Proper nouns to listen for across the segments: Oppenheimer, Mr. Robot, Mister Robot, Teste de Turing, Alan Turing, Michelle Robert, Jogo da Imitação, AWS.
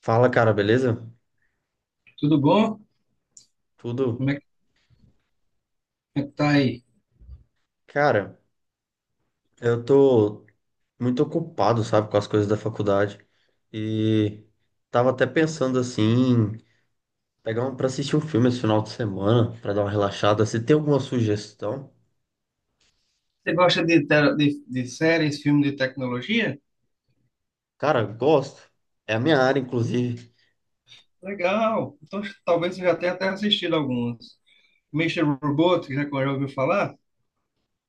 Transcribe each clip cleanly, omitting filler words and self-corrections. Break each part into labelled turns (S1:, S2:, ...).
S1: Fala, cara, beleza?
S2: Tudo bom? Como
S1: Tudo?
S2: é que, como é que tá aí?
S1: Cara, eu tô muito ocupado, sabe, com as coisas da faculdade e tava até pensando assim, em pegar um para assistir um filme esse final de semana, pra dar uma relaxada. Se tem alguma sugestão?
S2: Você gosta de séries, filmes de tecnologia?
S1: Cara, gosto. É a minha área, inclusive.
S2: Legal! Então talvez você já tenha até assistido alguns. Mister Robot, que já ouviu falar?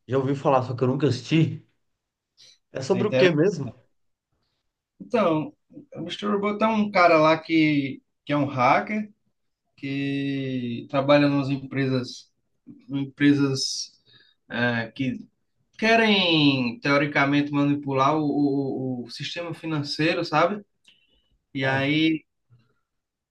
S1: Já ouvi falar, só que eu nunca assisti. É
S2: É
S1: sobre o quê
S2: interessante.
S1: mesmo?
S2: Então, o Mr. Robot é um cara lá que é um hacker, que trabalha nas empresas, que querem, teoricamente, manipular o sistema financeiro, sabe? E
S1: Ah,
S2: aí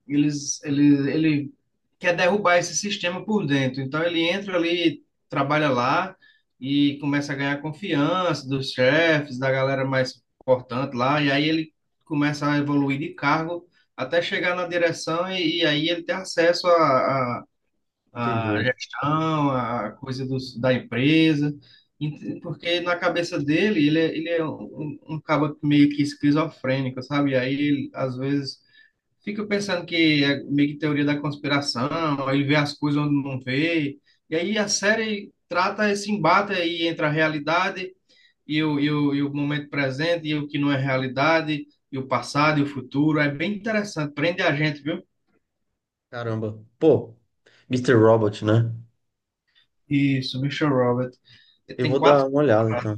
S2: ele quer derrubar esse sistema por dentro. Então ele entra ali, trabalha lá e começa a ganhar confiança dos chefes, da galera mais importante lá, e aí ele começa a evoluir de cargo até chegar na direção e aí ele tem acesso à
S1: entendi.
S2: gestão, à coisa da empresa. Porque na cabeça dele, ele é um cabo meio que esquizofrênico, sabe? E aí, ele, às vezes, fico pensando que é meio que teoria da conspiração, ele vê as coisas onde não vê. E aí a série trata esse embate aí entre a realidade e o momento presente, e o que não é realidade, e o passado e o futuro. É bem interessante, prende a gente, viu?
S1: Caramba. Pô, Mister Robot, né?
S2: Isso, Michelle Robert.
S1: Eu
S2: Tem
S1: vou
S2: quatro.
S1: dar uma olhada então.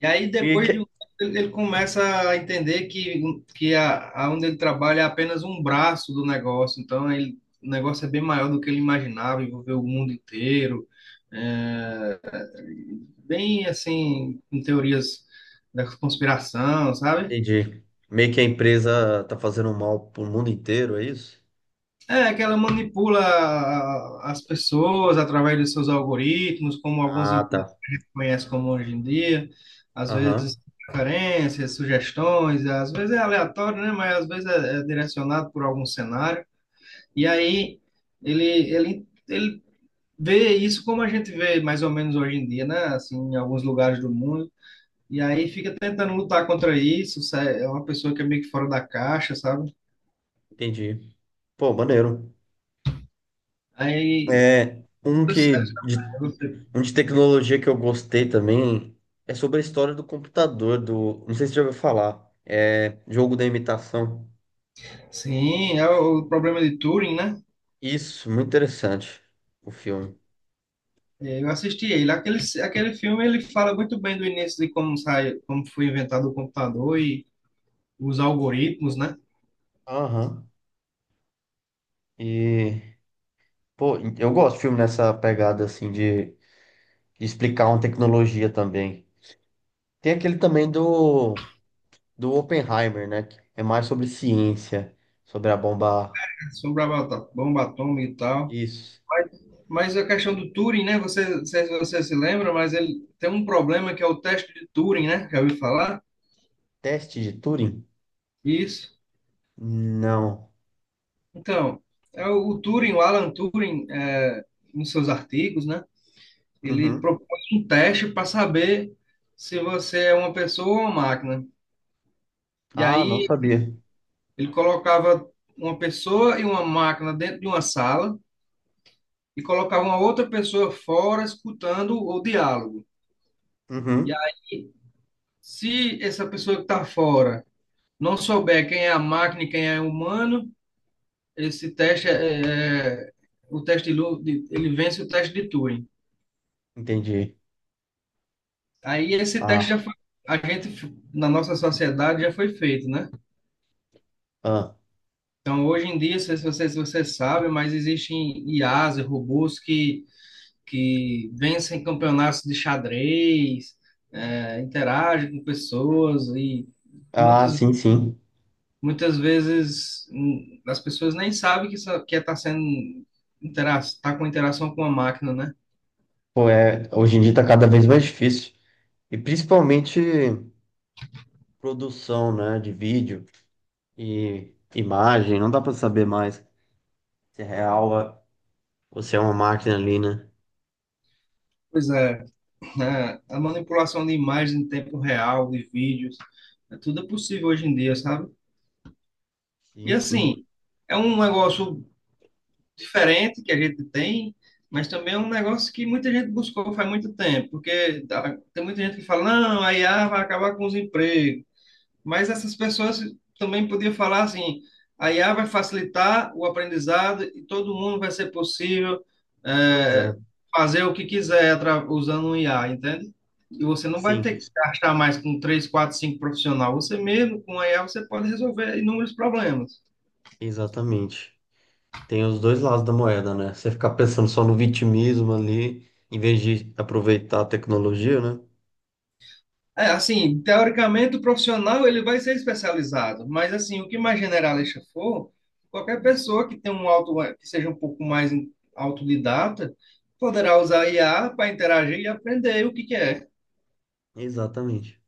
S2: E aí,
S1: E
S2: depois de
S1: que-
S2: um tempo, ele começa a entender que a onde ele trabalha é apenas um braço do negócio. Então, ele, o negócio é bem maior do que ele imaginava, envolveu o mundo inteiro. É, bem, assim, com teorias da conspiração, sabe?
S1: Entendi. Meio que a empresa tá fazendo um mal pro mundo inteiro, é isso?
S2: É, que ela manipula as pessoas através dos seus algoritmos, como algumas
S1: Ah,
S2: empresas
S1: tá.
S2: que a gente conhece como hoje em dia, às
S1: Aham,
S2: vezes preferências, sugestões, às vezes é aleatório, né? Mas às vezes é, é direcionado por algum cenário. E aí ele vê isso como a gente vê mais ou menos hoje em dia, né? Assim, em alguns lugares do mundo. E aí fica tentando lutar contra isso, é uma pessoa que é meio que fora da caixa, sabe?
S1: entendi. Pô, maneiro.
S2: Aí,
S1: É,
S2: tudo certo, né? Você.
S1: um de tecnologia que eu gostei também é sobre a história do computador, não sei se você já ouviu falar, é Jogo da Imitação.
S2: Sim, é o problema de Turing, né?
S1: Isso, muito interessante o filme.
S2: É, eu assisti ele. Aquele filme ele fala muito bem do início de como sai, como foi inventado o computador e os algoritmos, né?
S1: Aham. E, pô, eu gosto de filme nessa pegada assim de explicar uma tecnologia também. Tem aquele também do Oppenheimer, né? Que é mais sobre ciência, sobre a bomba.
S2: Sobre a bomba atômica e tal.
S1: Isso.
S2: Mas, mas, a questão do Turing, né? Você, não sei se você se lembra, mas ele tem um problema que é o teste de Turing, né? Já ouviu falar?
S1: Teste de Turing?
S2: Isso.
S1: Não.
S2: Então, é o Turing, o Alan Turing, é, nos seus artigos, né? Ele
S1: Uhum.
S2: propõe um teste para saber se você é uma pessoa ou uma máquina. E
S1: Ah, não
S2: aí
S1: sabia.
S2: ele colocava uma pessoa e uma máquina dentro de uma sala e colocava uma outra pessoa fora escutando o diálogo. E
S1: Uhum.
S2: aí, se essa pessoa que está fora não souber quem é a máquina e quem é o humano, esse teste é, o teste de ele vence o teste de Turing.
S1: Entendi.
S2: Aí esse teste
S1: Ah,
S2: já foi, a gente na nossa sociedade já foi feito, né?
S1: ah.
S2: Então hoje em dia, não se você, se você sabe, mas existem IAs, e robôs que vencem campeonatos de xadrez, é, interagem com pessoas e
S1: Ah,
S2: muitas,
S1: sim, sim.
S2: muitas vezes as pessoas nem sabem que está que é tá sendo intera tá com interação com a máquina, né?
S1: Pô, é, hoje em dia tá cada vez mais difícil. E principalmente produção, né, de vídeo e imagem, não dá pra saber mais se é real ou se é uma máquina ali, né?
S2: Pois é, né? A manipulação de imagens em tempo real, de vídeos, tudo é possível hoje em dia, sabe? E
S1: Sim, sim.
S2: assim, é um negócio diferente que a gente tem, mas também é um negócio que muita gente buscou faz muito tempo, porque tem muita gente que fala, não, a IA vai acabar com os empregos. Mas essas pessoas também podiam falar assim, a IA vai facilitar o aprendizado e todo mundo vai ser possível
S1: Pois é.
S2: é, fazer o que quiser usando um IA, entende? E você não vai
S1: Sim,
S2: ter que se gastar mais com três, quatro, cinco profissional. Você mesmo, com a IA, você pode resolver inúmeros problemas.
S1: exatamente. Tem os dois lados da moeda, né? Você ficar pensando só no vitimismo ali, em vez de aproveitar a tecnologia, né?
S2: É, assim, teoricamente o profissional ele vai ser especializado, mas assim, o que mais generalista for, qualquer pessoa que tenha um auto, que seja um pouco mais autodidata, poderá usar IA para interagir e aprender o que que é.
S1: Exatamente.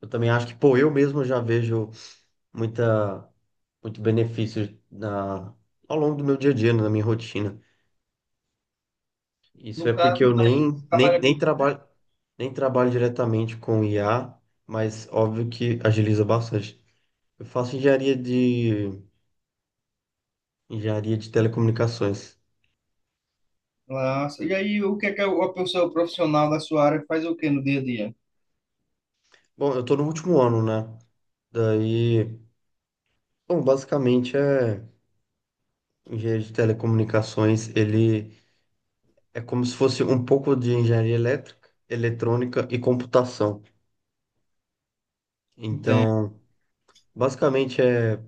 S1: Eu também acho que, pô, eu mesmo já vejo muita, muito benefício ao longo do meu dia a dia, né, na minha rotina. Isso
S2: No
S1: é porque
S2: caso,
S1: eu
S2: daí
S1: nem,
S2: você
S1: nem,
S2: trabalha
S1: nem
S2: com
S1: trabalho, nem trabalho diretamente com IA, mas óbvio que agiliza bastante. Eu faço engenharia de telecomunicações.
S2: classe. E aí, o que é que a pessoa profissional da sua área faz o que no dia a dia?
S1: Bom, eu tô no último ano, né? Daí, bom, basicamente é engenharia de telecomunicações. Ele é como se fosse um pouco de engenharia elétrica, eletrônica e computação.
S2: Entende?
S1: Então, basicamente é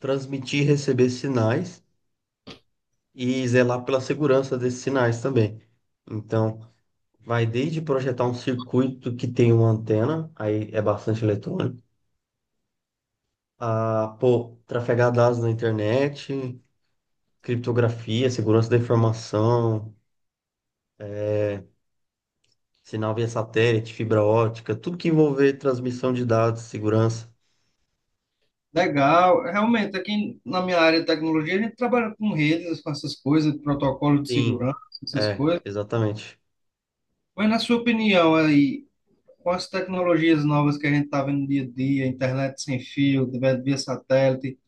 S1: transmitir e receber sinais e zelar pela segurança desses sinais também. Então, vai desde projetar um circuito que tem uma antena, aí é bastante eletrônico, a pô, trafegar dados na internet, criptografia, segurança da informação, é, sinal via satélite, fibra ótica, tudo que envolver transmissão de dados, segurança.
S2: Legal. Realmente, aqui na minha área de tecnologia, a gente trabalha com redes, com essas coisas, protocolo de
S1: Sim,
S2: segurança, essas
S1: é,
S2: coisas.
S1: exatamente.
S2: Mas na sua opinião aí, com as tecnologias novas que a gente está vendo dia a dia, internet sem fio, via satélite,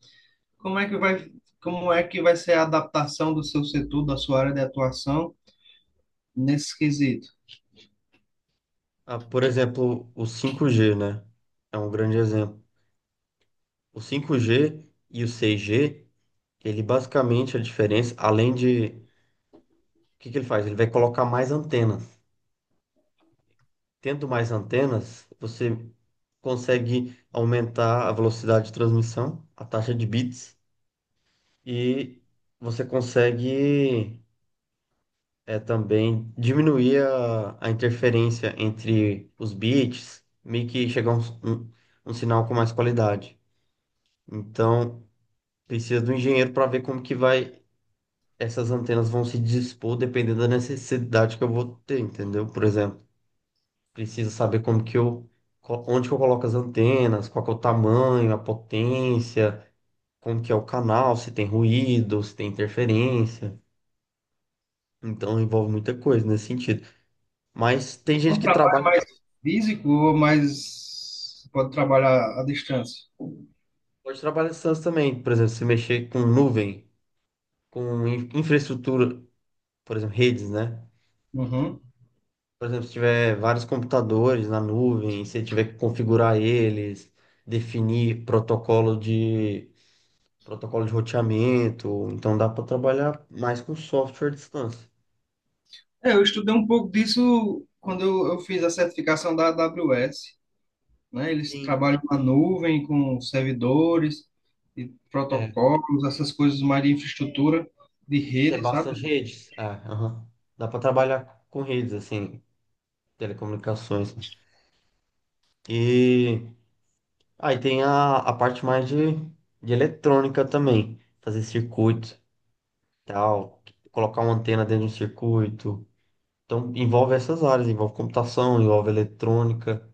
S2: como é que vai, como é que vai ser a adaptação do seu setor, da sua área de atuação nesse quesito?
S1: Ah, por exemplo, o 5G, né? É um grande exemplo. O 5G e o 6G, ele basicamente a diferença, o que que ele faz? Ele vai colocar mais antenas. Tendo mais antenas, você consegue aumentar a velocidade de transmissão, a taxa de bits, e você consegue também diminuir a interferência entre os bits, meio que chegar um, um sinal com mais qualidade. Então, precisa do engenheiro para ver como que vai, essas antenas vão se dispor dependendo da necessidade que eu vou ter, entendeu? Por exemplo, precisa saber como que eu, onde que eu coloco as antenas, qual que é o tamanho, a potência, como que é o canal, se tem ruído, se tem interferência. Então envolve muita coisa nesse sentido. Mas tem gente
S2: Um
S1: que
S2: trabalho
S1: trabalha.
S2: mais físico ou mais pode trabalhar à distância?
S1: Pode trabalhar em SaaS também, por exemplo, se mexer com nuvem, com infraestrutura, por exemplo, redes, né?
S2: Uhum.
S1: Por exemplo, se tiver vários computadores na nuvem, se tiver que configurar eles, definir protocolo de roteamento, então dá para trabalhar mais com software à distância.
S2: É, eu estudei um pouco disso quando eu fiz a certificação da AWS, né? Eles
S1: Sim,
S2: trabalham na nuvem com servidores e
S1: é,
S2: protocolos, essas coisas mais de infraestrutura de
S1: tem
S2: rede, sabe?
S1: bastante redes. É, aham. Dá para trabalhar com redes assim, telecomunicações. E aí tem a parte mais de eletrônica também, fazer circuito, tal, colocar uma antena dentro de um circuito. Então envolve essas áreas, envolve computação, envolve eletrônica.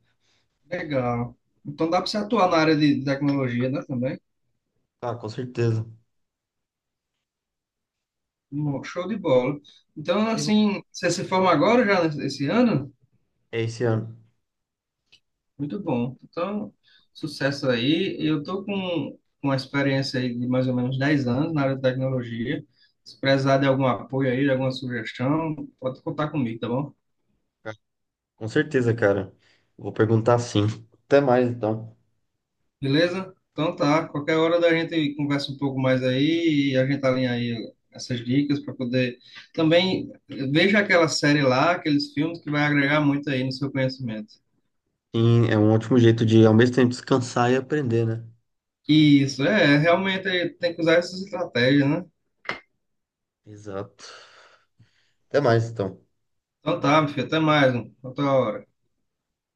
S2: Legal. Então dá para você atuar na área de tecnologia, né, também?
S1: Ah, com certeza.
S2: Show de bola. Então,
S1: E
S2: assim, você se forma agora já esse ano?
S1: é esse ano.
S2: Muito bom. Então, sucesso aí. Eu tô com uma experiência aí de mais ou menos 10 anos na área de tecnologia. Se precisar de algum apoio aí, de alguma sugestão, pode contar comigo, tá bom?
S1: Com certeza, cara. Vou perguntar sim. Até mais, então.
S2: Beleza? Então tá, qualquer hora da gente conversa um pouco mais aí e a gente alinha aí essas dicas para poder. Também veja aquela série lá, aqueles filmes que vai agregar muito aí no seu conhecimento.
S1: Sim, é um ótimo jeito de ao mesmo tempo descansar e aprender, né?
S2: Isso, é, realmente tem que usar essas estratégias, né?
S1: Exato. Até mais, então.
S2: Então tá, meu filho, até mais, mano. Até outra hora.